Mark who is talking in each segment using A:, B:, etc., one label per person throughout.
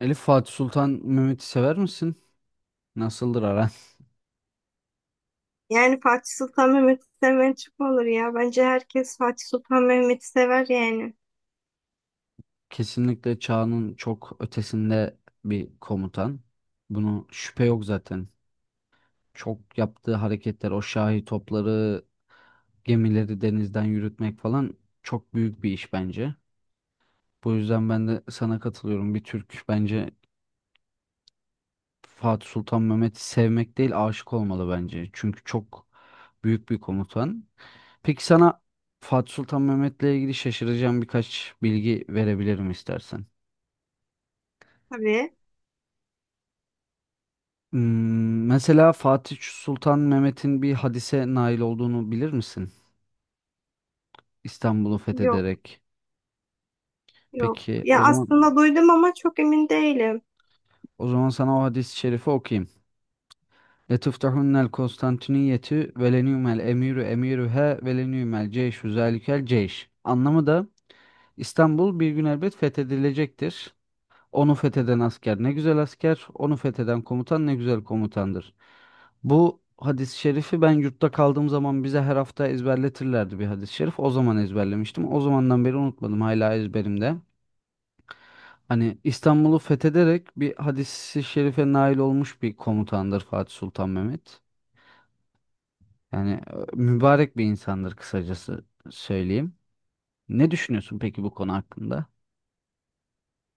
A: Elif Fatih Sultan Mehmet'i sever misin? Nasıldır aran?
B: Yani Fatih Sultan Mehmet'i sevmeyen çok mu olur ya. Bence herkes Fatih Sultan Mehmet'i sever yani.
A: Kesinlikle çağının çok ötesinde bir komutan. Bunu şüphe yok zaten. Çok yaptığı hareketler, o şahi topları, gemileri denizden yürütmek falan çok büyük bir iş bence. Bu yüzden ben de sana katılıyorum. Bir Türk bence Fatih Sultan Mehmet'i sevmek değil, aşık olmalı bence. Çünkü çok büyük bir komutan. Peki sana Fatih Sultan Mehmet'le ilgili şaşıracağım birkaç bilgi verebilirim istersen.
B: Tabii.
A: Hmm, mesela Fatih Sultan Mehmet'in bir hadise nail olduğunu bilir misin? İstanbul'u
B: Yok,
A: fethederek.
B: yok.
A: Peki
B: Ya
A: o zaman
B: aslında duydum ama çok emin değilim.
A: sana o hadis-i şerifi okuyayım. Letuftahunel Konstantiniyeti velenümel emiru emiruhe velenümel ceyşu zalikel ceyş. Anlamı da İstanbul bir gün elbet fethedilecektir. Onu fetheden asker ne güzel asker, onu fetheden komutan ne güzel komutandır. Bu hadis-i şerifi ben yurtta kaldığım zaman bize her hafta ezberletirlerdi bir hadis-i şerif. O zaman ezberlemiştim. O zamandan beri unutmadım. Hala ezberimde. Hani İstanbul'u fethederek bir hadis-i şerife nail olmuş bir komutandır Fatih Sultan Mehmet. Yani mübarek bir insandır kısacası söyleyeyim. Ne düşünüyorsun peki bu konu hakkında?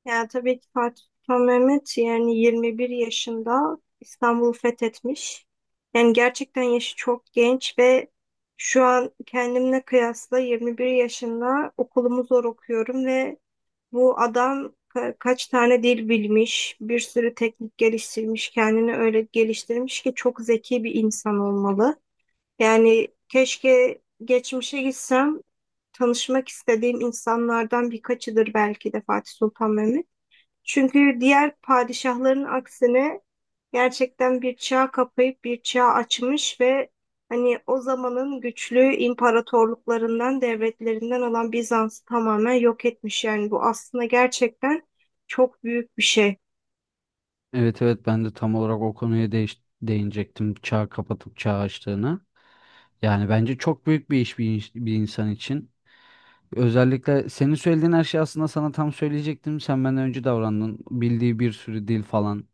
B: Ya tabii ki Fatih Sultan Mehmet yani 21 yaşında İstanbul'u fethetmiş. Yani gerçekten yaşı çok genç ve şu an kendimle kıyasla 21 yaşında okulumu zor okuyorum ve bu adam kaç tane dil bilmiş, bir sürü teknik geliştirmiş, kendini öyle geliştirmiş ki çok zeki bir insan olmalı. Yani keşke geçmişe gitsem tanışmak istediğim insanlardan birkaçıdır belki de Fatih Sultan Mehmet. Çünkü diğer padişahların aksine gerçekten bir çağ kapayıp bir çağ açmış ve hani o zamanın güçlü imparatorluklarından, devletlerinden olan Bizans'ı tamamen yok etmiş. Yani bu aslında gerçekten çok büyük bir şey.
A: Evet, evet, ben de tam olarak o konuya değinecektim. Çağ kapatıp çağ açtığını. Yani bence çok büyük bir iş bir, bir insan için. Özellikle senin söylediğin her şeyi aslında sana tam söyleyecektim. Sen benden önce davrandın. Bildiği bir sürü dil falan.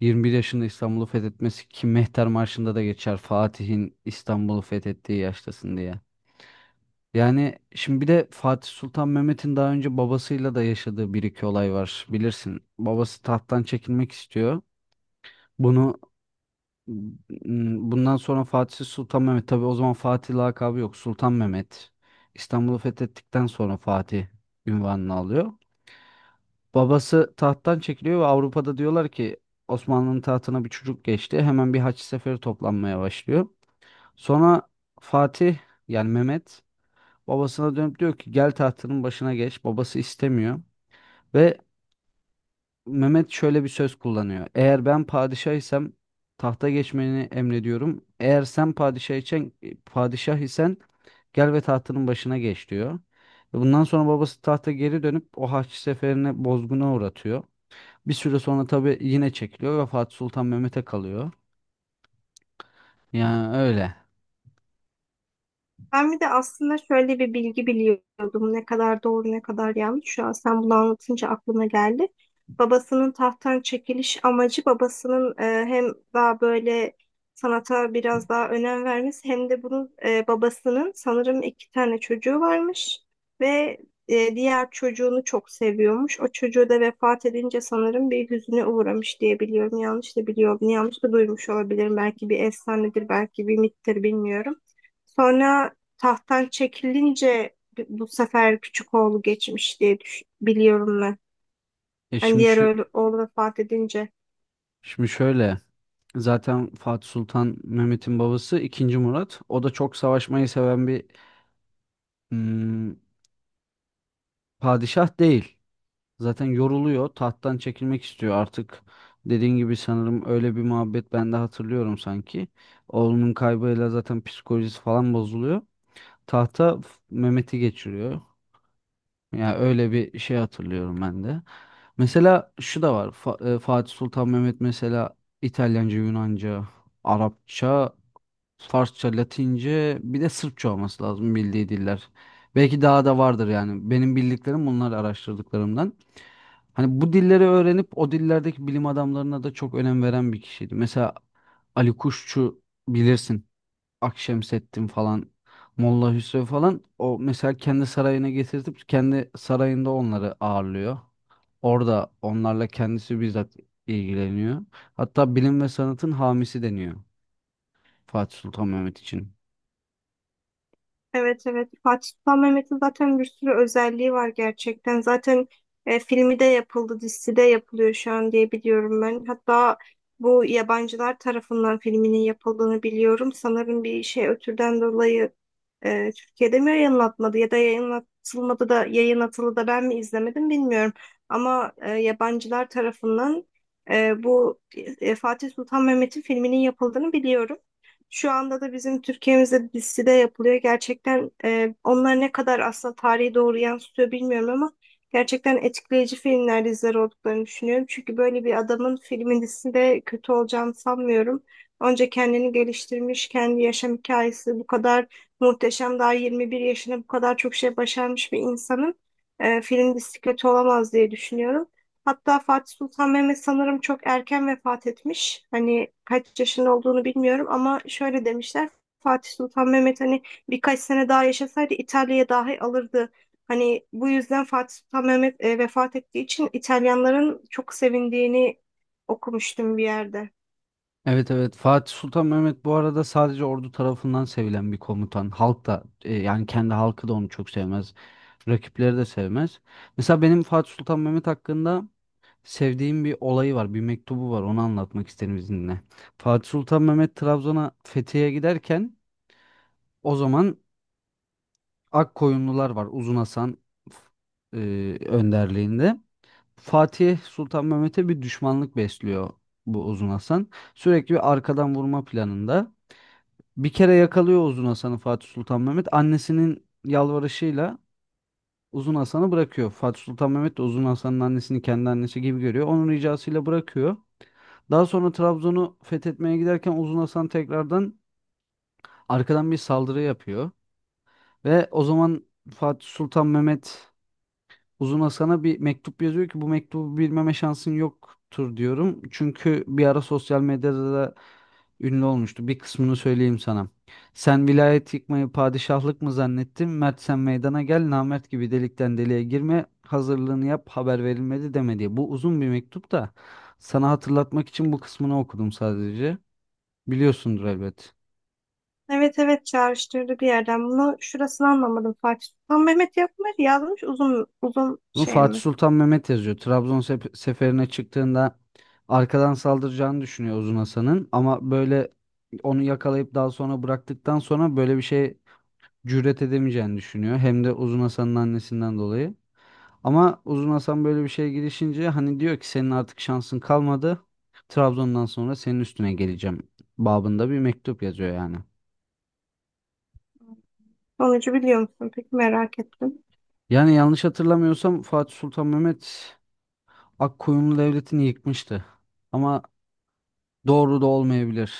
A: 21 yaşında İstanbul'u fethetmesi ki Mehter Marşı'nda da geçer. Fatih'in İstanbul'u fethettiği yaştasın diye. Yani şimdi bir de Fatih Sultan Mehmet'in daha önce babasıyla da yaşadığı bir iki olay var. Bilirsin. Babası tahttan çekilmek istiyor. Bunu M- Bundan sonra Fatih Sultan Mehmet. Tabii o zaman Fatih lakabı yok. Sultan Mehmet. İstanbul'u fethettikten sonra Fatih ünvanını alıyor. Babası tahttan çekiliyor ve Avrupa'da diyorlar ki Osmanlı'nın tahtına bir çocuk geçti. Hemen bir haç seferi toplanmaya başlıyor. Sonra Fatih, yani Mehmet, babasına dönüp diyor ki gel tahtının başına geç. Babası istemiyor. Ve Mehmet şöyle bir söz kullanıyor. Eğer ben padişah isem tahta geçmeni emrediyorum. Eğer sen padişah isen gel ve tahtının başına geç diyor. Ve bundan sonra babası tahta geri dönüp o Haçlı seferine bozguna uğratıyor. Bir süre sonra tabii yine çekiliyor ve Fatih Sultan Mehmet'e kalıyor. Yani öyle.
B: Ben bir de aslında şöyle bir bilgi biliyordum. Ne kadar doğru ne kadar yanlış. Şu an sen bunu anlatınca aklıma geldi. Babasının tahttan çekiliş amacı babasının hem daha böyle sanata biraz daha önem vermesi hem de bunun babasının sanırım iki tane çocuğu varmış ve diğer çocuğunu çok seviyormuş. O çocuğu da vefat edince sanırım bir hüzüne uğramış diye biliyorum. Yanlış da biliyorum. Yanlış da duymuş olabilirim. Belki bir efsanedir, belki bir mittir bilmiyorum. Sonra tahttan çekilince bu sefer küçük oğlu geçmiş diye biliyorum ben.
A: E
B: Hani
A: şimdi
B: diğer
A: şu
B: oğlu vefat edince.
A: Şimdi şöyle, zaten Fatih Sultan Mehmet'in babası ikinci Murat. O da çok savaşmayı seven bir hmm, padişah değil. Zaten yoruluyor. Tahttan çekilmek istiyor artık. Dediğin gibi sanırım öyle bir muhabbet ben de hatırlıyorum sanki. Oğlunun kaybıyla zaten psikolojisi falan bozuluyor. Mehmet'i geçiriyor. Ya öyle bir şey hatırlıyorum ben de. Mesela şu da var. Fatih Sultan Mehmet mesela İtalyanca, Yunanca, Arapça, Farsça, Latince, bir de Sırpça olması lazım bildiği diller. Belki daha da vardır yani. Benim bildiklerim bunlar araştırdıklarımdan. Hani bu dilleri öğrenip o dillerdeki bilim adamlarına da çok önem veren bir kişiydi. Mesela Ali Kuşçu bilirsin. Akşemseddin falan, Molla Hüsrev falan o mesela kendi sarayına getirtip kendi sarayında onları ağırlıyor. Orada onlarla kendisi bizzat ilgileniyor. Hatta bilim ve sanatın hamisi deniyor Fatih Sultan Mehmet için.
B: Evet, evet, Fatih Sultan Mehmet'in zaten bir sürü özelliği var gerçekten. Zaten filmi de yapıldı, dizisi de yapılıyor şu an diye biliyorum ben. Hatta bu yabancılar tarafından filminin yapıldığını biliyorum. Sanırım bir şey ötürden dolayı Türkiye'de mi yayınlatmadı ya da yayınlatılmadı da yayın atılı da ben mi izlemedim bilmiyorum. Ama yabancılar tarafından bu Fatih Sultan Mehmet'in filminin yapıldığını biliyorum. Şu anda da bizim Türkiye'mizde bir dizide yapılıyor. Gerçekten onlar ne kadar aslında tarihi doğru yansıtıyor bilmiyorum ama gerçekten etkileyici filmler, diziler olduklarını düşünüyorum. Çünkü böyle bir adamın filmin dizisinde kötü olacağını sanmıyorum. Önce kendini geliştirmiş, kendi yaşam hikayesi bu kadar muhteşem, daha 21 yaşında bu kadar çok şey başarmış bir insanın film dizisi kötü olamaz diye düşünüyorum. Hatta Fatih Sultan Mehmet sanırım çok erken vefat etmiş. Hani kaç yaşında olduğunu bilmiyorum ama şöyle demişler. Fatih Sultan Mehmet hani birkaç sene daha yaşasaydı İtalya'ya dahi alırdı. Hani bu yüzden Fatih Sultan Mehmet vefat ettiği için İtalyanların çok sevindiğini okumuştum bir yerde.
A: Evet, evet, Fatih Sultan Mehmet bu arada sadece ordu tarafından sevilen bir komutan. Halk da yani kendi halkı da onu çok sevmez. Rakipleri de sevmez. Mesela benim Fatih Sultan Mehmet hakkında sevdiğim bir olayı var, bir mektubu var. Onu anlatmak isterim izninle. Fatih Sultan Mehmet Trabzon'a Fethiye'ye giderken o zaman Akkoyunlular var. Uzun Hasan önderliğinde. Fatih Sultan Mehmet'e bir düşmanlık besliyor bu Uzun Hasan. Sürekli bir arkadan vurma planında. Bir kere yakalıyor Uzun Hasan'ı Fatih Sultan Mehmet. Annesinin yalvarışıyla Uzun Hasan'ı bırakıyor. Fatih Sultan Mehmet de Uzun Hasan'ın annesini kendi annesi gibi görüyor. Onun ricasıyla bırakıyor. Daha sonra Trabzon'u fethetmeye giderken Uzun Hasan tekrardan arkadan bir saldırı yapıyor. Ve o zaman Fatih Sultan Mehmet Uzun Hasan'a bir mektup yazıyor ki bu mektubu bilmeme şansın yoktur diyorum. Çünkü bir ara sosyal medyada da ünlü olmuştu. Bir kısmını söyleyeyim sana. Sen vilayet yıkmayı padişahlık mı zannettin? Mert sen meydana gel, namert gibi delikten deliğe girme, hazırlığını yap, haber verilmedi deme diye. Bu uzun bir mektup da sana hatırlatmak için bu kısmını okudum sadece. Biliyorsundur elbet.
B: Evet, evet, çağrıştırdı bir yerden. Bunu şurasını anlamadım. Fatih Sultan Mehmet yapmış, yazmış uzun uzun
A: Bunu
B: şey
A: Fatih
B: mi?
A: Sultan Mehmet yazıyor. Seferine çıktığında arkadan saldıracağını düşünüyor Uzun Hasan'ın ama böyle onu yakalayıp daha sonra bıraktıktan sonra böyle bir şey cüret edemeyeceğini düşünüyor. Hem de Uzun Hasan'ın annesinden dolayı. Ama Uzun Hasan böyle bir şeye girişince hani diyor ki senin artık şansın kalmadı. Trabzon'dan sonra senin üstüne geleceğim babında bir mektup yazıyor yani.
B: Sonucu biliyor musun? Peki merak ettim.
A: Yani yanlış hatırlamıyorsam Fatih Sultan Mehmet Akkoyunlu Devleti'ni yıkmıştı. Ama doğru da olmayabilir.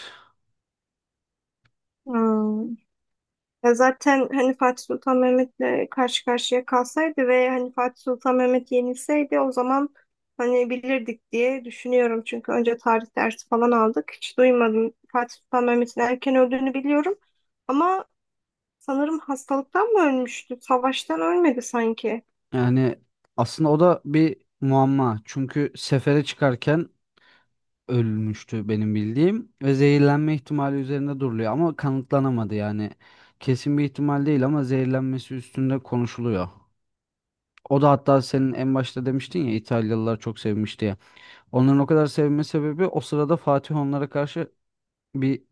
B: Hmm. Ya zaten hani Fatih Sultan Mehmet'le karşı karşıya kalsaydı ve hani Fatih Sultan Mehmet yenilseydi o zaman hani bilirdik diye düşünüyorum. Çünkü önce tarih dersi falan aldık. Hiç duymadım. Fatih Sultan Mehmet'in erken öldüğünü biliyorum. Ama sanırım hastalıktan mı ölmüştü? Savaştan ölmedi sanki.
A: Yani aslında o da bir muamma. Çünkü sefere çıkarken ölmüştü benim bildiğim ve zehirlenme ihtimali üzerinde duruluyor ama kanıtlanamadı yani. Kesin bir ihtimal değil ama zehirlenmesi üstünde konuşuluyor. O da hatta senin en başta demiştin ya İtalyalılar çok sevmiş diye. Onların o kadar sevme sebebi o sırada Fatih onlara karşı bir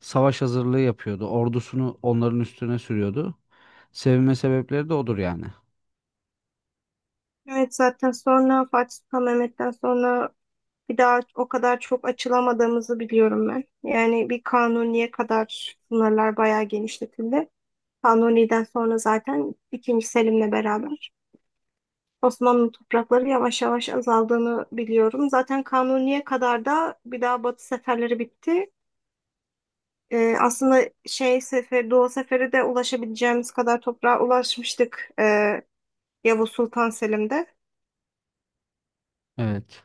A: savaş hazırlığı yapıyordu. Ordusunu onların üstüne sürüyordu. Sevme sebepleri de odur yani.
B: Evet, zaten sonra Fatih Sultan Mehmet'ten sonra bir daha o kadar çok açılamadığımızı biliyorum ben. Yani bir kanuniye kadar sınırlar bayağı genişletildi. Kanuni'den sonra zaten ikinci Selim'le beraber Osmanlı toprakları yavaş yavaş azaldığını biliyorum. Zaten Kanuni'ye kadar da bir daha Batı seferleri bitti. Aslında şey sefer, Doğu seferi de ulaşabileceğimiz kadar toprağa ulaşmıştık Yavuz Sultan Selim'de.
A: Evet.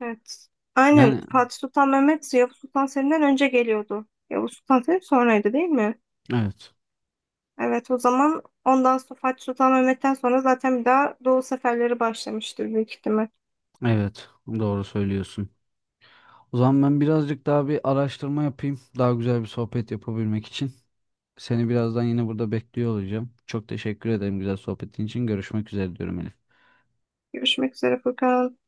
B: Evet. Aynen
A: Yani
B: Fatih Sultan Mehmet Yavuz Sultan Selim'den önce geliyordu. Yavuz Sultan Selim sonraydı değil mi?
A: evet.
B: Evet, o zaman ondan sonra Fatih Sultan Mehmet'ten sonra zaten bir daha Doğu seferleri başlamıştır büyük ihtimal.
A: Evet, doğru söylüyorsun. O zaman ben birazcık daha bir araştırma yapayım. Daha güzel bir sohbet yapabilmek için. Seni birazdan yine burada bekliyor olacağım. Çok teşekkür ederim güzel sohbetin için. Görüşmek üzere diyorum Elif.
B: Görüşmek üzere Furkan.